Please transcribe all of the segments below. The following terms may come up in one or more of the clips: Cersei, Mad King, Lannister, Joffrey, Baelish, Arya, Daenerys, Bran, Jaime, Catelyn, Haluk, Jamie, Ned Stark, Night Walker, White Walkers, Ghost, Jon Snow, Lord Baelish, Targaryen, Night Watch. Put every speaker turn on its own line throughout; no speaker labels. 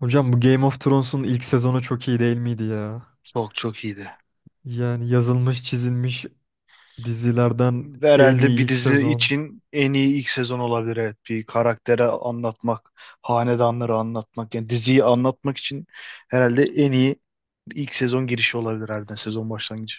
Hocam bu Game of Thrones'un ilk sezonu çok iyi değil miydi ya?
Çok iyiydi.
Yani yazılmış çizilmiş dizilerden en
Herhalde
iyi
bir
ilk
dizi
sezon.
için en iyi ilk sezon olabilir. Evet, bir karaktere anlatmak, hanedanları anlatmak, yani diziyi anlatmak için herhalde en iyi ilk sezon girişi olabilir harbiden sezon başlangıcı.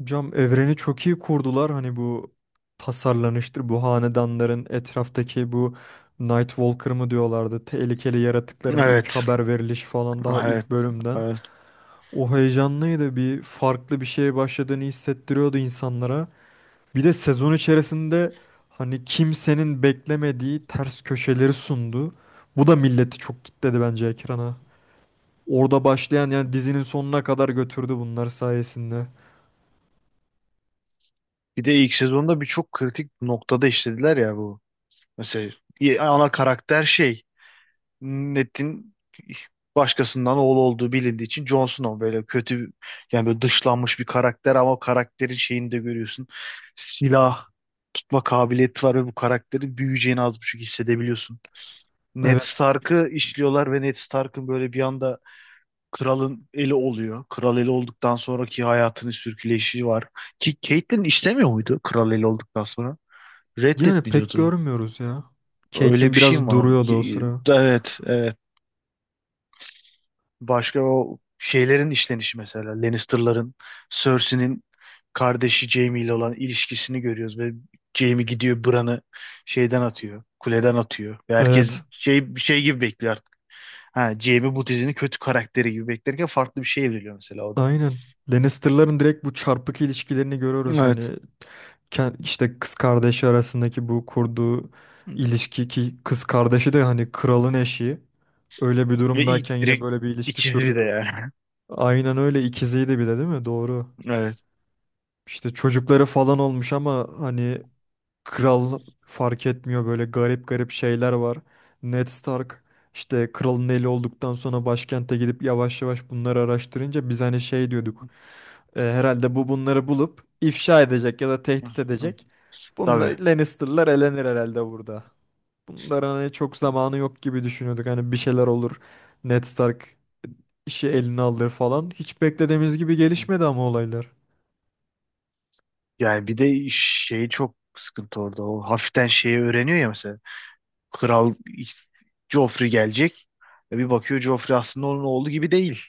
Hocam evreni çok iyi kurdular. Hani bu tasarlanıştır, bu hanedanların etraftaki bu Night Walker mı diyorlardı. Tehlikeli yaratıkların ilk
Evet,
haber verilişi falan daha
evet,
ilk bölümden.
evet.
O heyecanlıydı. Bir farklı bir şeye başladığını hissettiriyordu insanlara. Bir de sezon içerisinde hani kimsenin beklemediği ters köşeleri sundu. Bu da milleti çok kitledi bence ekrana. Orada başlayan yani dizinin sonuna kadar götürdü bunlar sayesinde.
Bir de ilk sezonda birçok kritik noktada işlediler ya bu. Mesela ana karakter şey Net'in başkasından oğlu olduğu bilindiği için Jon Snow böyle kötü yani böyle dışlanmış bir karakter ama o karakterin şeyini de görüyorsun. Silah tutma kabiliyeti var ve bu karakterin büyüyeceğini az buçuk hissedebiliyorsun. Ned
Evet.
Stark'ı işliyorlar ve Ned Stark'ın böyle bir anda kralın eli oluyor. Kral eli olduktan sonraki hayatının sürküleyişi var. Ki Catelyn işlemiyor muydu kral eli olduktan sonra?
Yani pek
Reddetmiyordu.
görmüyoruz ya.
Öyle
Caitlyn
bir şey mi
biraz
var?
duruyordu o sıra.
Evet. Başka o şeylerin işlenişi mesela Lannister'ların Cersei'nin kardeşi Jaime ile olan ilişkisini görüyoruz ve Jaime gidiyor Bran'ı şeyden atıyor, kuleden atıyor ve herkes
Evet.
şey bir şey gibi bekliyor artık. Ha, Jaime bu dizinin kötü karakteri gibi beklerken farklı bir şey evriliyor mesela o da.
Aynen. Lannister'ların direkt bu çarpık ilişkilerini görüyoruz. Hani
Evet.
işte kız kardeşi arasındaki bu kurduğu ilişki ki kız kardeşi de hani kralın eşi. Öyle bir
Ve iyi
durumdayken yine
direkt
böyle bir ilişki
ikizli de
sürdürüyorlar.
yani.
Aynen öyle ikiziydi bir de değil mi? Doğru.
Evet.
İşte çocukları falan olmuş ama hani kral fark etmiyor böyle garip garip şeyler var. Ned Stark işte kralın eli olduktan sonra başkente gidip yavaş yavaş bunları araştırınca biz hani şey diyorduk. "E, herhalde bu bunları bulup ifşa edecek ya da tehdit edecek.
Tabii.
Bunlar Lannister'lar elenir herhalde burada. Bunların hani çok zamanı yok gibi düşünüyorduk. Hani bir şeyler olur. Ned Stark işi eline alır falan. Hiç beklediğimiz gibi gelişmedi ama olaylar.
Yani bir de şey çok sıkıntı orada. O hafiften şeyi öğreniyor ya mesela. Kral Joffrey gelecek. E bir bakıyor Joffrey aslında onun oğlu gibi değil.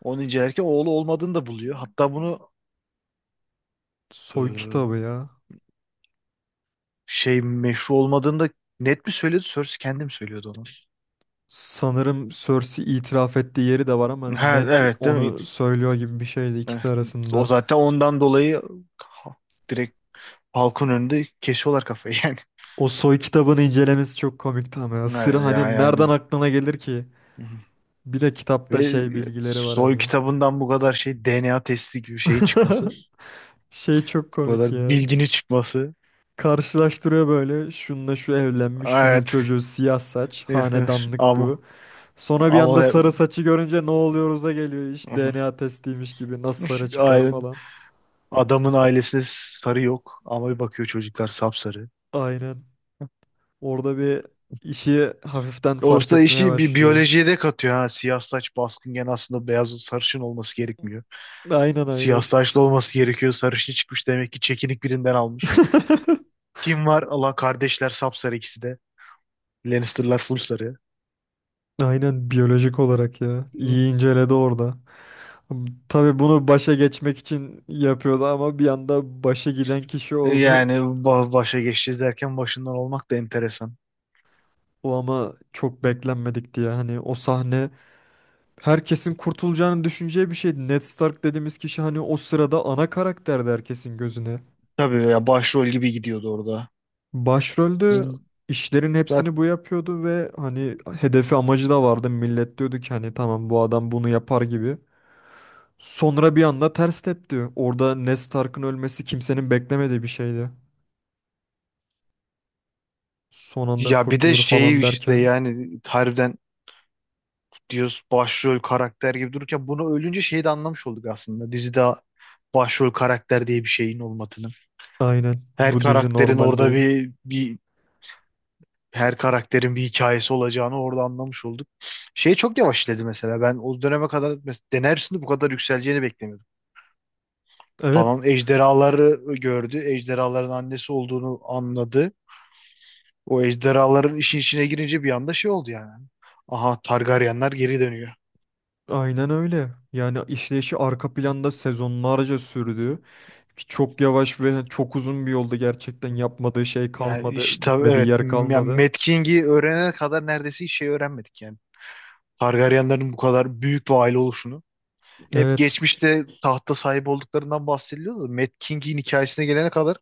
Onu incelerken oğlu olmadığını da buluyor. Hatta bunu
Soy kitabı
e,
ya.
şey meşru olmadığını da net mi söyledi? Cersei kendim söylüyordu onu.
Sanırım Cersei itiraf ettiği yeri de var ama
Ha,
Ned
evet değil mi?
onu söylüyor gibi bir şeydi ikisi
Evet. O
arasında.
zaten ondan dolayı ha- direkt halkın önünde kesiyorlar kafayı yani.
O soy kitabını incelemesi çok komikti ama ya. Sır
Evet,
hani
yani.
nereden aklına gelir ki?
Hı hı.
Bir de kitapta
Ve
şey bilgileri var
soy
hani.
kitabından bu kadar şey DNA testi gibi şeyin çıkması.
Şey çok
Bu
komik
kadar
ya.
bilginin çıkması.
Karşılaştırıyor böyle. Şununla şu evlenmiş, şunun
Evet.
çocuğu siyah saç, hanedanlık
Ama
bu. Sonra bir
Ama
anda sarı saçı görünce ne oluyoruz'a geliyor iş.
Aha.
DNA testiymiş gibi nasıl sarı çıkar
ailen,
falan.
adamın ailesinde sarı yok. Ama bir bakıyor çocuklar sapsarı.
Aynen. Orada bir işi hafiften
O
fark
usta
etmeye
işi bir
başlıyor.
biyolojiye de katıyor ha. Siyah saç baskınken aslında beyaz sarışın olması gerekmiyor.
Aynen
Siyah
aynen.
saçlı olması gerekiyor. Sarışın çıkmış demek ki çekinik birinden almış. Kim var? Allah kardeşler sapsarı ikisi de. Lannister'lar full sarı.
Aynen biyolojik olarak ya.
Hı.
İyi inceledi orada. Tabii bunu başa geçmek için yapıyordu ama bir anda başa giden kişi oldu.
Yani başa geçeceğiz derken başından olmak da enteresan.
O ama çok beklenmedikti ya. Hani o sahne herkesin kurtulacağını düşüneceği bir şeydi. Ned Stark dediğimiz kişi hani o sırada ana karakterdi herkesin gözüne.
Tabii ya başrol gibi gidiyordu orada.
Başrolde
Z-
işlerin
Zaten
hepsini bu yapıyordu ve hani hedefi amacı da vardı. Millet diyordu ki hani tamam bu adam bunu yapar gibi. Sonra bir anda ters tepti. Orada Ned Stark'ın ölmesi kimsenin beklemediği bir şeydi. Son anda
ya bir de
kurtulur
şey
falan
işte
derken.
yani harbiden diyoruz başrol karakter gibi dururken bunu ölünce şeyi de anlamış olduk aslında. Dizide başrol karakter diye bir şeyin olmadığını.
Aynen
Her
bu dizi
karakterin
normal
orada
değil.
bir her karakterin bir hikayesi olacağını orada anlamış olduk. Şey çok yavaş işledi mesela. Ben o döneme kadar denersinde bu kadar yükseleceğini beklemiyordum.
Evet
Tamam ejderhaları gördü. Ejderhaların annesi olduğunu anladı. O ejderhaların işin içine girince bir anda şey oldu yani. Aha Targaryenler geri dönüyor.
aynen öyle. Yani işleyişi arka planda sezonlarca sürdü. Ki çok yavaş ve hani, çok uzun bir yolda gerçekten yapmadığı şey
Yani
kalmadı.
işte
Gitmediği
evet
yer
yani
kalmadı.
Mad King'i öğrenene kadar neredeyse hiç şey öğrenmedik yani. Targaryenlerin bu kadar büyük bir aile oluşunu. Hep
Evet.
geçmişte tahta sahip olduklarından bahsediliyordu da Mad King'in hikayesine gelene kadar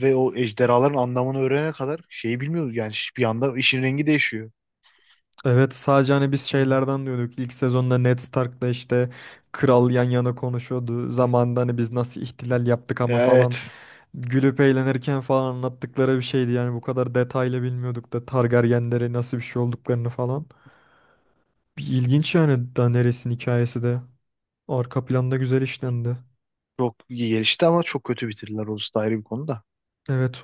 ve o ejderhaların anlamını öğrenene kadar şeyi bilmiyoruz yani bir anda işin rengi değişiyor.
Evet, sadece hani biz
Hı.
şeylerden diyorduk. İlk sezonda Ned Stark'la işte kral yan yana konuşuyordu.
hı.
Zamanında hani biz nasıl ihtilal yaptık ama
Ya
falan
evet.
gülüp eğlenirken falan anlattıkları bir şeydi. Yani bu kadar detaylı bilmiyorduk da Targaryenlere nasıl bir şey olduklarını falan. Bir ilginç yani Daenerys'in hikayesi de arka planda güzel işlendi.
Çok iyi gelişti ama çok kötü bitirdiler. Orası da ayrı bir konu da.
Evet.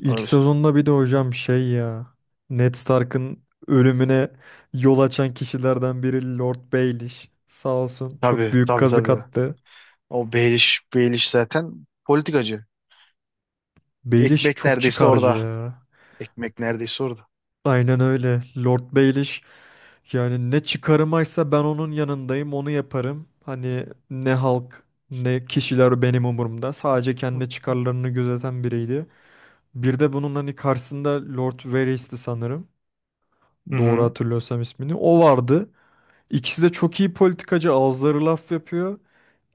İlk
Evet.
sezonda bir de hocam şey ya Ned Stark'ın ölümüne yol açan kişilerden biri Lord Baelish. Sağ olsun çok
Tabii
büyük
tabii
kazık
tabii.
attı.
O Baelish zaten politikacı.
Baelish
Ekmek
çok
neredeyse
çıkarcı
orada.
ya.
Ekmek neredeyse orada.
Aynen öyle. Lord Baelish yani ne çıkarımaysa ben onun yanındayım, onu yaparım. Hani ne halk ne kişiler benim umurumda. Sadece kendi çıkarlarını gözeten biriydi. Bir de bunun hani karşısında Lord Varys'ti sanırım.
Hı
Doğru
hı.
hatırlıyorsam ismini. O vardı. İkisi de çok iyi politikacı, ağızları laf yapıyor.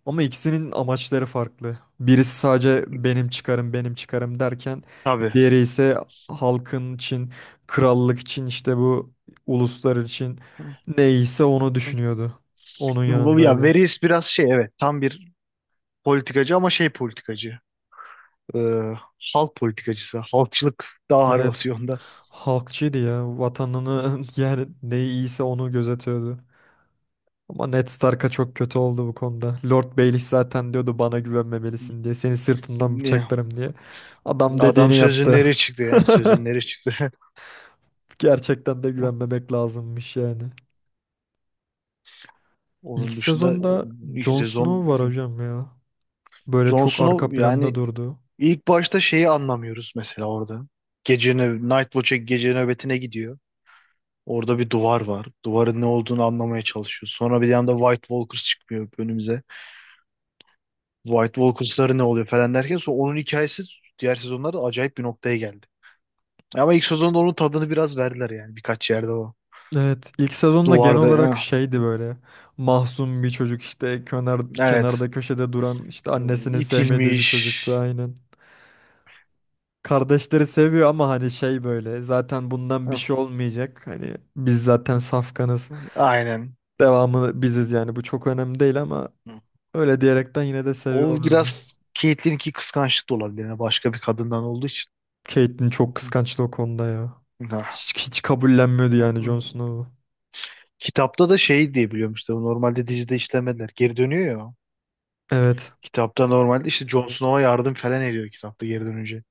Ama ikisinin amaçları farklı. Birisi sadece benim çıkarım, benim çıkarım derken
Tabii.
diğeri ise halkın için, krallık için işte bu uluslar için
Hı
neyse onu
hı.
düşünüyordu. Onun
Bu, ya
yanındaydı.
Veris biraz şey evet tam bir politikacı ama şey politikacı. Ee, halk politikacısı. Halkçılık daha ağır
Evet.
basıyor.
Halkçıydı ya.
Hı
Vatanını yani ne iyiyse onu gözetiyordu. Ama Ned Stark'a çok kötü oldu bu konuda. Lord Baelish zaten diyordu bana
hı.
güvenmemelisin diye. Seni sırtından
Ne?
bıçaklarım diye. Adam
Adam
dediğini yaptı.
sözünleri çıktı yani sözünleri çıktı.
Gerçekten de güvenmemek lazımmış yani. İlk
Onun dışında
sezonda
ilk
Jon
sezon
Snow var hocam ya. Böyle
Jon
çok
Snow
arka planda
yani
durdu.
ilk başta şeyi anlamıyoruz mesela orada. Gece Night Watch'e gece nöbetine gidiyor. Orada bir duvar var. Duvarın ne olduğunu anlamaya çalışıyor. Sonra bir yanda White Walkers çıkmıyor önümüze. White Walkers'ları ne oluyor falan derken sonra onun hikayesi diğer sezonlarda acayip bir noktaya geldi. Ama ilk sezonda onun tadını biraz verdiler yani birkaç yerde o.
Evet, ilk sezonda genel
Duvarda
olarak şeydi böyle. Mahzun bir çocuk işte kenar,
evet
kenarda köşede duran işte annesinin sevmediği bir
itilmiş.
çocuktu aynen. Kardeşleri seviyor ama hani şey böyle zaten bundan bir şey
Ah,
olmayacak. Hani biz zaten safkanız.
Aynen.
Devamı biziz yani bu çok önemli değil ama öyle diyerekten yine de
O
seviyorlardı.
biraz Caitlyn'inki kıskançlık da olabilir. Yani başka bir kadından olduğu için.
Catelyn çok kıskançtı o konuda ya.
Ah.
Hiç kabullenmiyordu yani Jon Snow'u.
Kitapta da şey diye biliyorum işte normalde dizide işlemediler. Geri dönüyor ya. O.
Evet.
Kitapta normalde işte Jon Snow'a yardım falan ediyor kitapta geri dönünce.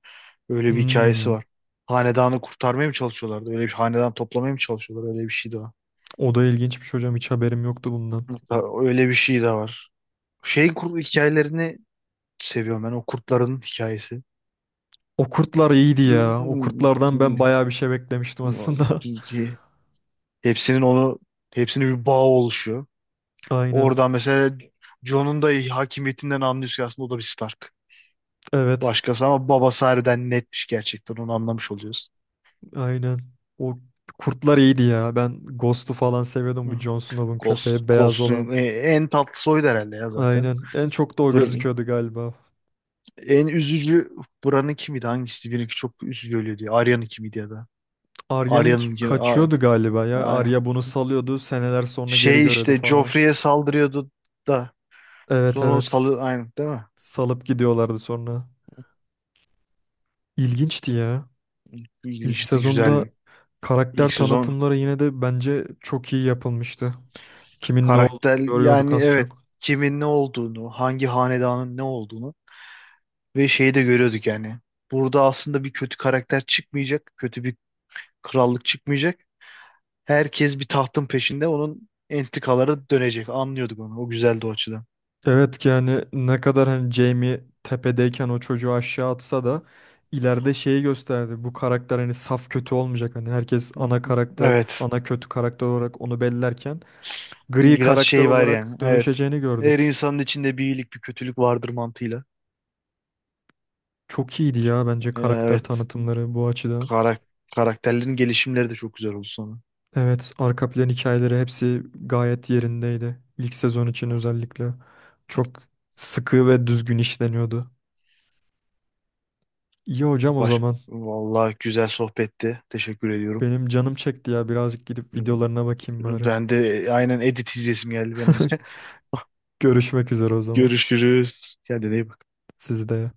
Öyle bir hikayesi
Hmm.
var. Hanedanı kurtarmaya mı çalışıyorlardı? Öyle bir hanedan toplamaya mı çalışıyorlar? Öyle bir şey de var.
O da ilginçmiş hocam. Hiç haberim yoktu bundan.
Hatta öyle bir şey de var. Şey kur hikayelerini seviyorum ben. O kurtların hikayesi.
O kurtlar iyiydi ya. O kurtlardan ben bayağı bir şey beklemiştim aslında.
Hepsinin hepsinin bir bağı oluşuyor.
Aynen.
Oradan mesela Jon'un da hakimiyetinden anlıyorsun ki aslında o da bir Stark.
Evet.
Başkası ama babası harbiden netmiş gerçekten onu anlamış oluyoruz.
Aynen. O kurtlar iyiydi ya. Ben Ghost'u falan seviyordum. Bu
Hı.
Jon Snow'un
Ghost,
köpeği beyaz
Ghost'un
olan.
en tatlı soyu da herhalde ya zaten.
Aynen. En çok da o gözüküyordu galiba.
En üzücü buranın kimiydi? Hangisi? Birinki çok üzücü öyle diyor. Arya'nın kimiydi ya da?
Arya'nın
Arya'nın gibi.
kaçıyordu galiba ya.
Aynen.
Arya bunu salıyordu. Seneler sonra geri
Şey
görüyordu
işte
falan.
Joffrey'e saldırıyordu da
Evet,
sonra onu
evet.
salı aynen değil mi?
Salıp gidiyorlardı sonra. İlginçti ya. İlk
İlginçti,
sezonda
güzel.
karakter
İlk sezon
tanıtımları yine de bence çok iyi yapılmıştı. Kimin ne olduğunu
karakter
görüyorduk
yani
az
evet
çok.
kimin ne olduğunu, hangi hanedanın ne olduğunu ve şeyi de görüyorduk yani. Burada aslında bir kötü karakter çıkmayacak, kötü bir krallık çıkmayacak. Herkes bir tahtın peşinde onun entrikaları dönecek. Anlıyorduk onu. O güzeldi o açıdan.
Evet ki yani ne kadar hani Jamie tepedeyken o çocuğu aşağı atsa da ileride şeyi gösterdi. Bu karakter hani saf kötü olmayacak. Hani herkes
Hı
ana
hı.
karakter,
Evet.
ana kötü karakter olarak onu bellerken gri
Biraz
karakter
şey var
olarak
yani. Evet.
dönüşeceğini
Her
gördük.
insanın içinde bir iyilik bir kötülük vardır mantığıyla.
Çok iyiydi ya bence karakter
Evet.
tanıtımları bu açıdan.
Karak karakterlerin gelişimleri de çok güzel oldu sonra.
Evet, arka plan hikayeleri hepsi gayet yerindeydi. İlk sezon için özellikle çok sıkı ve düzgün işleniyordu. İyi hocam o
Baş
zaman.
Vallahi güzel sohbetti. Teşekkür ediyorum.
Benim canım çekti ya. Birazcık gidip videolarına bakayım bari.
Ben de aynen edit izlesim geldi benim de.
Görüşmek üzere o zaman.
Görüşürüz. Kendine iyi bak.
Siz de.